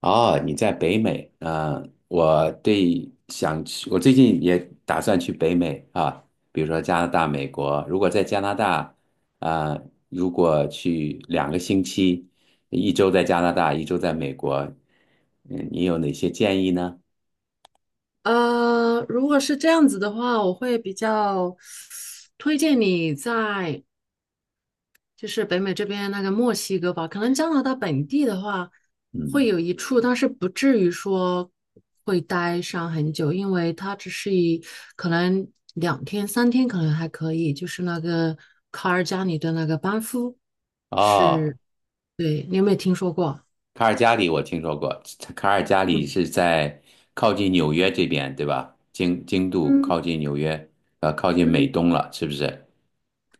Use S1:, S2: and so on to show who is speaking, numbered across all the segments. S1: 哦，你在北美，我对想去，我最近也打算去北美啊，比如说加拿大、美国。如果在加拿大，啊、如果去2个星期，一周在加拿大，一周在美国，你有哪些建议呢？
S2: 如果是这样子的话，我会比较推荐你在就是北美这边那个墨西哥吧。可能加拿大本地的话会
S1: 嗯。
S2: 有一处，但是不至于说会待上很久，因为它只是可能2天3天可能还可以。就是那个卡尔加里的那个班夫
S1: 哦，
S2: 是，对，你有没有听说过？
S1: 卡尔加里我听说过，卡尔加里
S2: 嗯。
S1: 是在靠近纽约这边，对吧？经度靠
S2: 嗯
S1: 近纽约，靠近美
S2: 嗯，
S1: 东了，是不是？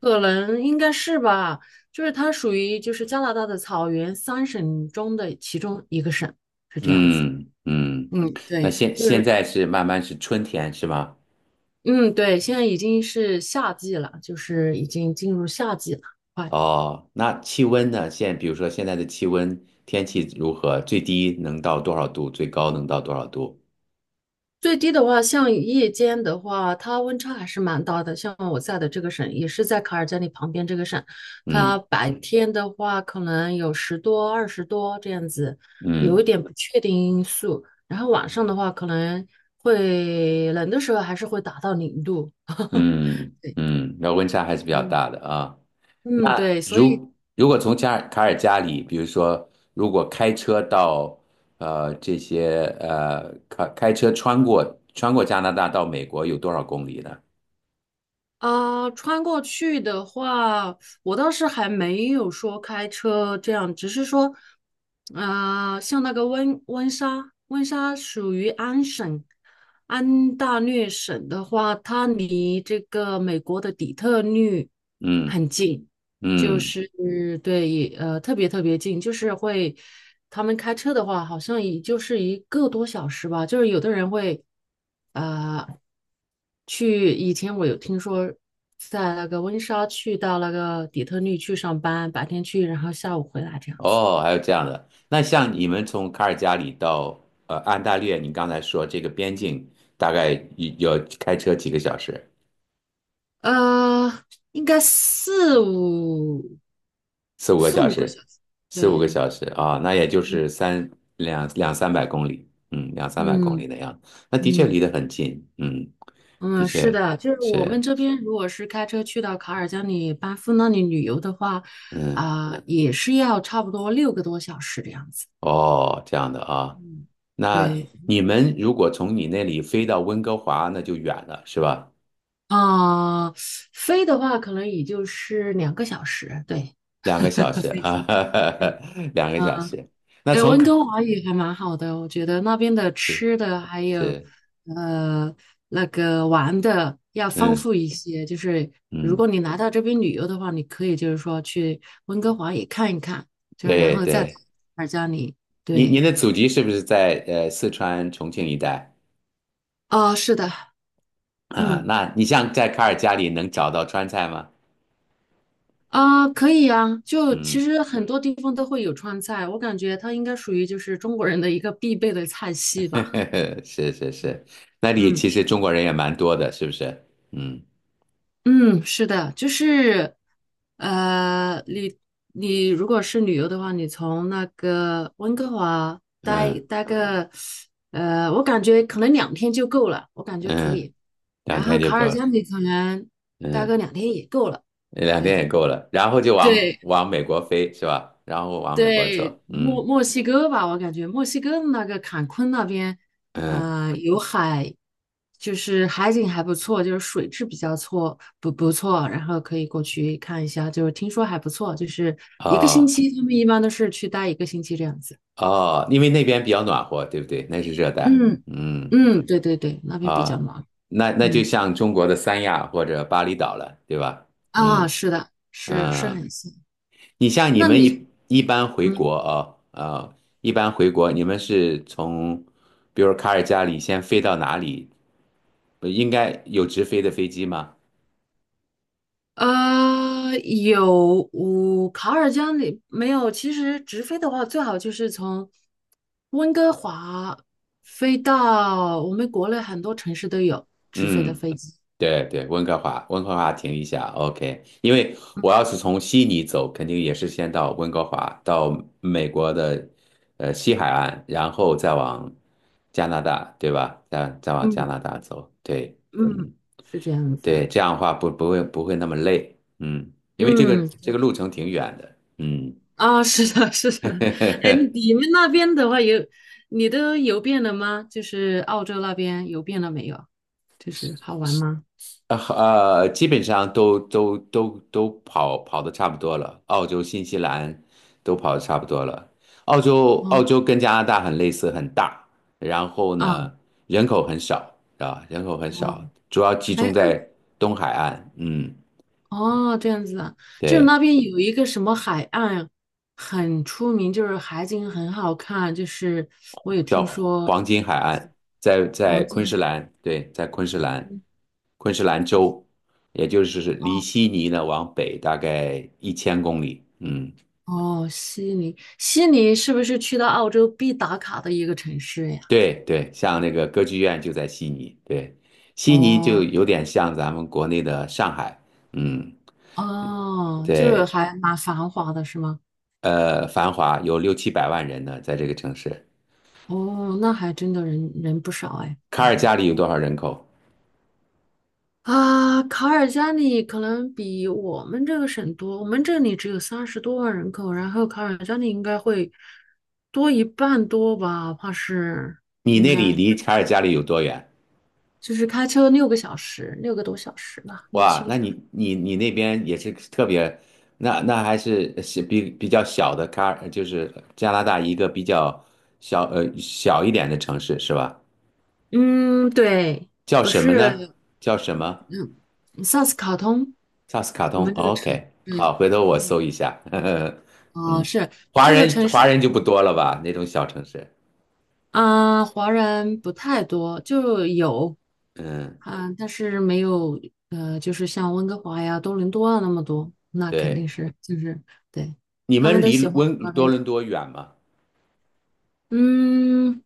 S2: 可能应该是吧，就是它属于就是加拿大的草原三省中的其中一个省。
S1: 嗯嗯。
S2: 嗯，
S1: 那
S2: 对，
S1: 现
S2: 就
S1: 现
S2: 是
S1: 在是慢慢是春天是吗？
S2: 嗯，对，现在已经是夏季了，就是已经进入夏季了。快。
S1: 哦，那气温呢？比如说现在的气温，天气如何？最低能到多少度？最高能到多少度？
S2: 最低的话，像夜间的话，它温差还是蛮大的。像我在的这个省，也是在卡尔加里旁边这个省，它
S1: 嗯
S2: 白天的话可能有10多、20多这样子，有一
S1: 嗯
S2: 点不确定因素。然后晚上的话，可能会冷的时候还是会达到0度。
S1: 嗯嗯。那温差还是比较
S2: 嗯
S1: 大的啊。
S2: 嗯，
S1: 那
S2: 对，所以
S1: 如果从卡尔加里，比如说如果开车到呃这些呃开车穿过加拿大到美国有多少公里呢？
S2: 啊，穿过去的话，我倒是还没有说开车这样，只是说，啊，像那个温莎，温莎属于安省，安大略省的话，它离这个美国的底特律
S1: 嗯
S2: 很近，就
S1: 嗯。
S2: 是对，也特别特别近，就是会，他们开车的话，好像也就是1个多小时吧。就是有的人会，呃，去以前我有听说，在那个温莎去到那个底特律去上班，白天去，然后下午回来这样子。
S1: 哦，还有这样的。那像你们从卡尔加里到安大略，你刚才说这个边境大概有要开车几个小时？
S2: 呃，应该
S1: 四五个
S2: 四
S1: 小
S2: 五个小
S1: 时，
S2: 时。
S1: 四五个
S2: 对，
S1: 小时啊，那也就是两三百公里，嗯，两三百公里
S2: 嗯
S1: 那样子。那的确
S2: 嗯，
S1: 离得很近，嗯，的
S2: 嗯，是
S1: 确
S2: 的，就是我们
S1: 是，
S2: 这边如果是开车去到卡尔加里、班夫那里旅游的话，
S1: 嗯，
S2: 啊、也是要差不多六个多小时的样子。
S1: 哦，这样的啊。
S2: 嗯，
S1: 那
S2: 对，
S1: 你们如果从你那里飞到温哥华，那就远了，是吧？
S2: 啊、飞的话可能也就是2个小时。对，
S1: 两个小时
S2: 飞
S1: 啊，
S2: 机。
S1: 两个小
S2: 嗯
S1: 时。那
S2: 对，
S1: 从
S2: 温哥华也还蛮好的，我觉得那边的
S1: 是
S2: 吃的还有
S1: 是，
S2: 呃那个玩的要丰
S1: 嗯
S2: 富一些。就是如果
S1: 嗯，
S2: 你来到这边旅游的话，你可以就是说去温哥华也看一看，就是然
S1: 对
S2: 后再到
S1: 对，
S2: 尔加里。
S1: 您
S2: 对，
S1: 的祖籍是不是在四川重庆一带
S2: 啊，是的，
S1: 啊？
S2: 嗯，
S1: 那你像在卡尔加里能找到川菜吗？
S2: 啊、可以啊。就其
S1: 嗯，
S2: 实很多地方都会有川菜，我感觉它应该属于就是中国人的一个必备的菜系吧。
S1: 是是
S2: 嗯。
S1: 是。那里
S2: 嗯
S1: 其实中国人也蛮多的，是不是？嗯
S2: 嗯，是的，就是，呃，你你如果是旅游的话，你从那个温哥华待
S1: 嗯
S2: 待个，我感觉可能两天就够了，我感觉可
S1: 嗯。
S2: 以。
S1: 两
S2: 然后
S1: 天就
S2: 卡
S1: 够
S2: 尔加
S1: 了，
S2: 里可能待个
S1: 嗯，
S2: 两天也够了。
S1: 两天也
S2: 对，
S1: 够了，然后就往
S2: 对，
S1: 往美国飞是吧？然后往美国
S2: 对，
S1: 走，
S2: 墨
S1: 嗯
S2: 墨西哥吧，我感觉墨西哥那个坎昆那边，
S1: 嗯。
S2: 有海，就是海景还不错，就是水质比较错，不错，然后可以过去看一下，就是听说还不错，就是一个星
S1: 哦
S2: 期，他们一般都是去待一个星期这样子。
S1: 哦，因为那边比较暖和，对不对？那是热带，
S2: 嗯
S1: 嗯，
S2: 嗯，对对对，那边比较
S1: 啊、
S2: 忙。
S1: 那就
S2: 嗯
S1: 像中国的三亚或者巴厘岛了，对吧？
S2: 啊，
S1: 嗯
S2: 是的，是是
S1: 嗯。
S2: 很近。
S1: 你像你
S2: 那
S1: 们
S2: 你？
S1: 一一般回
S2: 嗯。
S1: 国一般回国，你们是从比如卡尔加里先飞到哪里？应该有直飞的飞机吗？
S2: 有，我卡尔加里没有。其实直飞的话，最好就是从温哥华飞到我们国内很多城市都有直飞的
S1: 嗯，
S2: 飞机。
S1: 对对，温哥华，温哥华停一下，OK。因为我要是从悉尼走，肯定也是先到温哥华，到美国的西海岸，然后再往加拿大，对吧？再往加
S2: 嗯
S1: 拿大走，对，
S2: 嗯，
S1: 嗯，
S2: 是这样
S1: 对，
S2: 子。
S1: 这样的话不会那么累，嗯，因为这个
S2: 嗯，
S1: 这个路程挺远的，嗯。
S2: 啊，是的，是的。哎，你们那边的话有，你都游遍了吗？就是澳洲那边游遍了没有？就是好玩吗？
S1: 基本上都跑的差不多了，澳洲、新西兰都跑的差不多了。澳洲澳
S2: 哦，
S1: 洲跟加拿大很类似，很大，然后
S2: 啊，
S1: 呢，人口很少啊，人口很
S2: 哦，
S1: 少，主要集中
S2: 哎，
S1: 在东海岸，嗯，
S2: 哦，这样子啊，就是
S1: 对，
S2: 那边有一个什么海岸很出名，就是海景很好看，就是我有
S1: 叫
S2: 听说
S1: 黄金海岸，在
S2: 黄
S1: 昆
S2: 金
S1: 士
S2: 海
S1: 兰，对，在昆士兰，
S2: 岸。
S1: 昆士兰州，也就是离
S2: 哦
S1: 悉尼呢往北大概1,000公里，嗯。
S2: 哦，悉尼，悉尼是不是去到澳洲必打卡的一个城市呀？
S1: 对对，像那个歌剧院就在悉尼，对，悉尼就
S2: 哦
S1: 有点像咱们国内的上海，嗯，
S2: 哦，就是
S1: 对，
S2: 还蛮繁华的是吗？
S1: 繁华有六七百万人呢，在这个城市。
S2: 哦，那还真的人不少哎，
S1: 卡
S2: 感
S1: 尔
S2: 觉。
S1: 加里有多少人口？
S2: 啊，卡尔加里可能比我们这个省多，我们这里只有30多万人口，然后卡尔加里应该会多一半多吧，怕是
S1: 你
S2: 应
S1: 那里
S2: 该
S1: 离卡尔加里有多远？
S2: 就是开车6个小时，六个多小时吧，六
S1: 哇，
S2: 七个
S1: 那
S2: 小时。
S1: 你那边也是特别，那还是比较小的卡尔，就是加拿大一个比较小呃小一点的城市是吧？
S2: 嗯，对，
S1: 叫
S2: 不
S1: 什么呢？
S2: 是，
S1: 叫什么？
S2: 嗯，萨斯卡通，
S1: 萨斯卡
S2: 我
S1: 通
S2: 们这个城，
S1: ，OK，
S2: 对，
S1: 好，回头我搜
S2: 嗯，
S1: 一下。
S2: 哦，
S1: 嗯，
S2: 是
S1: 华
S2: 这个
S1: 人
S2: 城市。
S1: 华人就不多了吧？那种小城市，
S2: 啊，华人不太多，就有，
S1: 嗯，
S2: 嗯，但是没有，就是像温哥华呀、多伦多啊那么多，那肯定
S1: 对。
S2: 是，就是对，
S1: 你
S2: 他们
S1: 们
S2: 都
S1: 离
S2: 喜欢那
S1: 多
S2: 边。
S1: 伦多远吗？
S2: 嗯，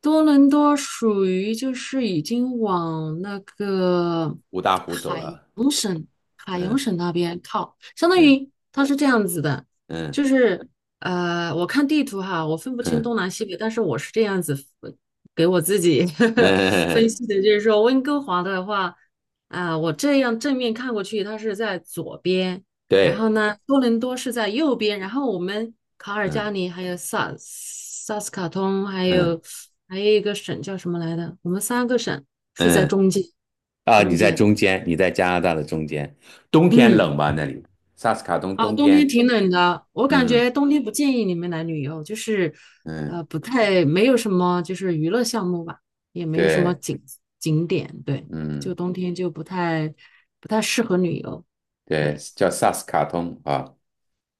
S2: 多伦多属于就是已经往那个
S1: 五大湖走
S2: 海
S1: 了，
S2: 洋省、海洋
S1: 嗯
S2: 省那边靠，相当
S1: 嗯
S2: 于它是这样子的，就
S1: 嗯
S2: 是我看地图哈，我分不清
S1: 嗯
S2: 东南西北，但是我是这样子分给我自己 呵呵分
S1: 嗯，
S2: 析的，就是说温哥华的话，啊、我这样正面看过去，它是在左边，然后
S1: 对，
S2: 呢，多伦多是在右边，然后我们卡尔加
S1: 嗯
S2: 里还有萨斯卡通，还
S1: 嗯
S2: 有还有一个省叫什么来的？我们3个省是在
S1: 嗯，
S2: 中间，
S1: 啊，你
S2: 中
S1: 在
S2: 间。
S1: 中间，你在加拿大的中间，冬天
S2: 嗯，
S1: 冷吧？那里，萨斯卡通
S2: 啊，
S1: 冬
S2: 冬天
S1: 天，
S2: 挺冷的，我感觉
S1: 嗯
S2: 冬天不建议你们来旅游，就是
S1: 嗯，
S2: 不太没有什么就是娱乐项目吧，也没有什么
S1: 对，
S2: 景点，对，就
S1: 嗯，
S2: 冬天就不太适合旅游，
S1: 对，
S2: 对，
S1: 叫萨斯卡通啊。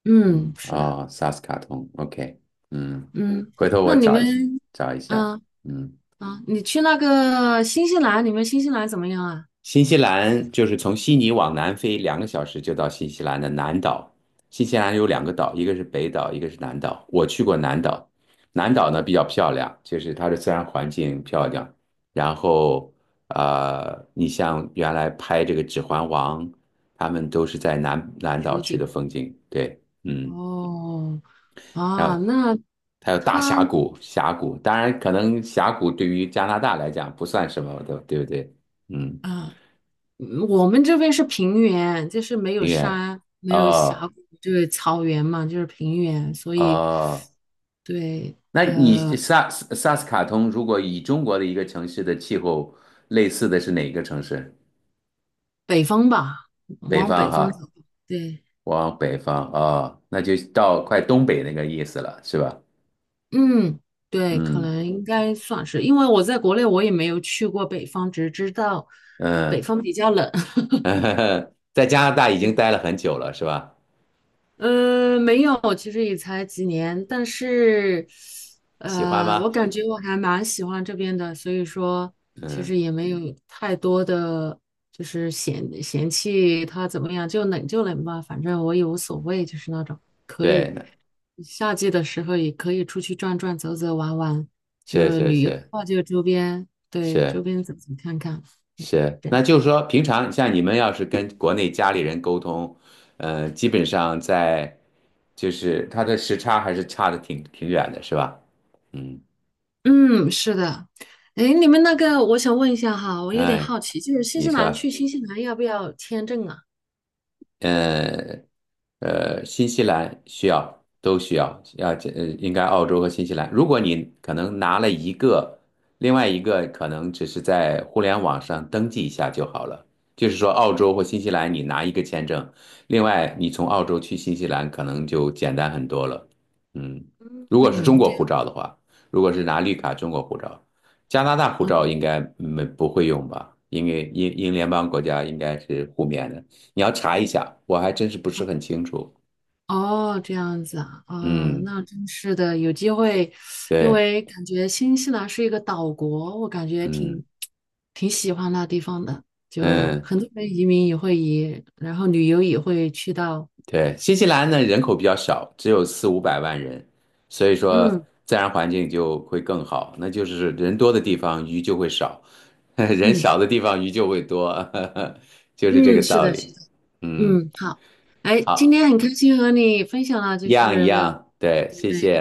S2: 嗯，
S1: 嗯，
S2: 是的，
S1: 哦，萨斯卡通，OK，嗯，
S2: 嗯，
S1: 回头我
S2: 那你
S1: 找一下，
S2: 们。
S1: 找一下，
S2: 嗯，
S1: 嗯。
S2: 啊，你去那个新西兰，你们新西兰怎么样啊？
S1: 新西兰就是从悉尼往南飞两个小时就到新西兰的南岛。新西兰有两个岛，一个是北岛，一个是南岛。我去过南岛，南岛呢比较漂亮，就是它的自然环境漂亮。然后，你像原来拍这个《指环王》，他们都是在南岛
S2: 取
S1: 去的
S2: 景
S1: 风景。对，嗯，
S2: 哦，
S1: 然
S2: 啊，
S1: 后
S2: 那
S1: 还有大
S2: 它
S1: 峡谷，峡谷，当然可能峡谷对于加拿大来讲不算什么的，对不对？嗯，
S2: 啊，我们这边是平原，就是没有
S1: 音乐。
S2: 山，没有
S1: 哦，
S2: 峡谷，就是草原嘛，就是平原，所以
S1: 哦，
S2: 对
S1: 那你萨斯卡通如果以中国的一个城市的气候类似的是哪个城市？
S2: 北方吧，
S1: 北
S2: 往
S1: 方
S2: 北方
S1: 哈，
S2: 走，对，
S1: 往北方啊，哦，那就到快东北那个意思了，是吧？
S2: 嗯，对，可
S1: 嗯
S2: 能应该算是，因为我在国内我也没有去过北方，只知道北
S1: 嗯，
S2: 方比较冷，
S1: 在加拿大已 经
S2: 对。
S1: 待了很久了，是吧？
S2: 没有，其实也才几年，但是，
S1: 喜欢
S2: 我
S1: 吗？
S2: 感觉我还蛮喜欢这边的，所以说其实
S1: 嗯，
S2: 也没有太多的就是嫌弃它怎么样，就冷就冷吧，反正我也无所谓，就是那种可
S1: 对，
S2: 以
S1: 那
S2: 夏季的时候也可以出去转转、走走、玩玩，
S1: 是
S2: 就
S1: 是
S2: 旅游的
S1: 是，
S2: 话就周边，对，周
S1: 是
S2: 边走走看看，
S1: 是，
S2: 这样。
S1: 那就是说，平常像你们要是跟国内家里人沟通，基本上在就是它的时差还是差的挺远的，是吧？嗯，
S2: 嗯，是的。哎，你们那个，我想问一下哈，我有点
S1: 哎，
S2: 好奇，就是新
S1: 你
S2: 西兰
S1: 说。
S2: 去新西兰要不要签证啊？
S1: 呃新西兰需要都需要，要应该澳洲和新西兰。如果你可能拿了一个，另外一个可能只是在互联网上登记一下就好了。就是说，澳洲或新西兰你拿一个签证，另外你从澳洲去新西兰可能就简单很多了。嗯，如果是中
S2: 嗯，这
S1: 国
S2: 样，
S1: 护照的话，如果是拿绿卡中国护照，加拿大护照
S2: 嗯，
S1: 应该没不会用吧？因为英联邦国家应该是互免的。你要查一下，我还真是不是很清楚。
S2: 哦，这样子啊，哦，
S1: 嗯，
S2: 那真是的，有机会，因
S1: 对，
S2: 为感觉新西兰是一个岛国，我感觉
S1: 嗯
S2: 挺喜欢那地方的，就
S1: 嗯，
S2: 很多人移民也会移，然后旅游也会去到，
S1: 对，新西兰呢人口比较少，只有四五百万人，所以说
S2: 嗯
S1: 自然环境就会更好。那就是人多的地方鱼就会少，人
S2: 嗯
S1: 少的地方鱼就会多，就是这个
S2: 嗯，是
S1: 道
S2: 的，是
S1: 理。
S2: 的，
S1: 嗯，
S2: 嗯，好，哎，今
S1: 好，
S2: 天很开心和你分享了，就
S1: 一样一
S2: 是个。
S1: 样，对，
S2: 对
S1: 谢
S2: 对，
S1: 谢。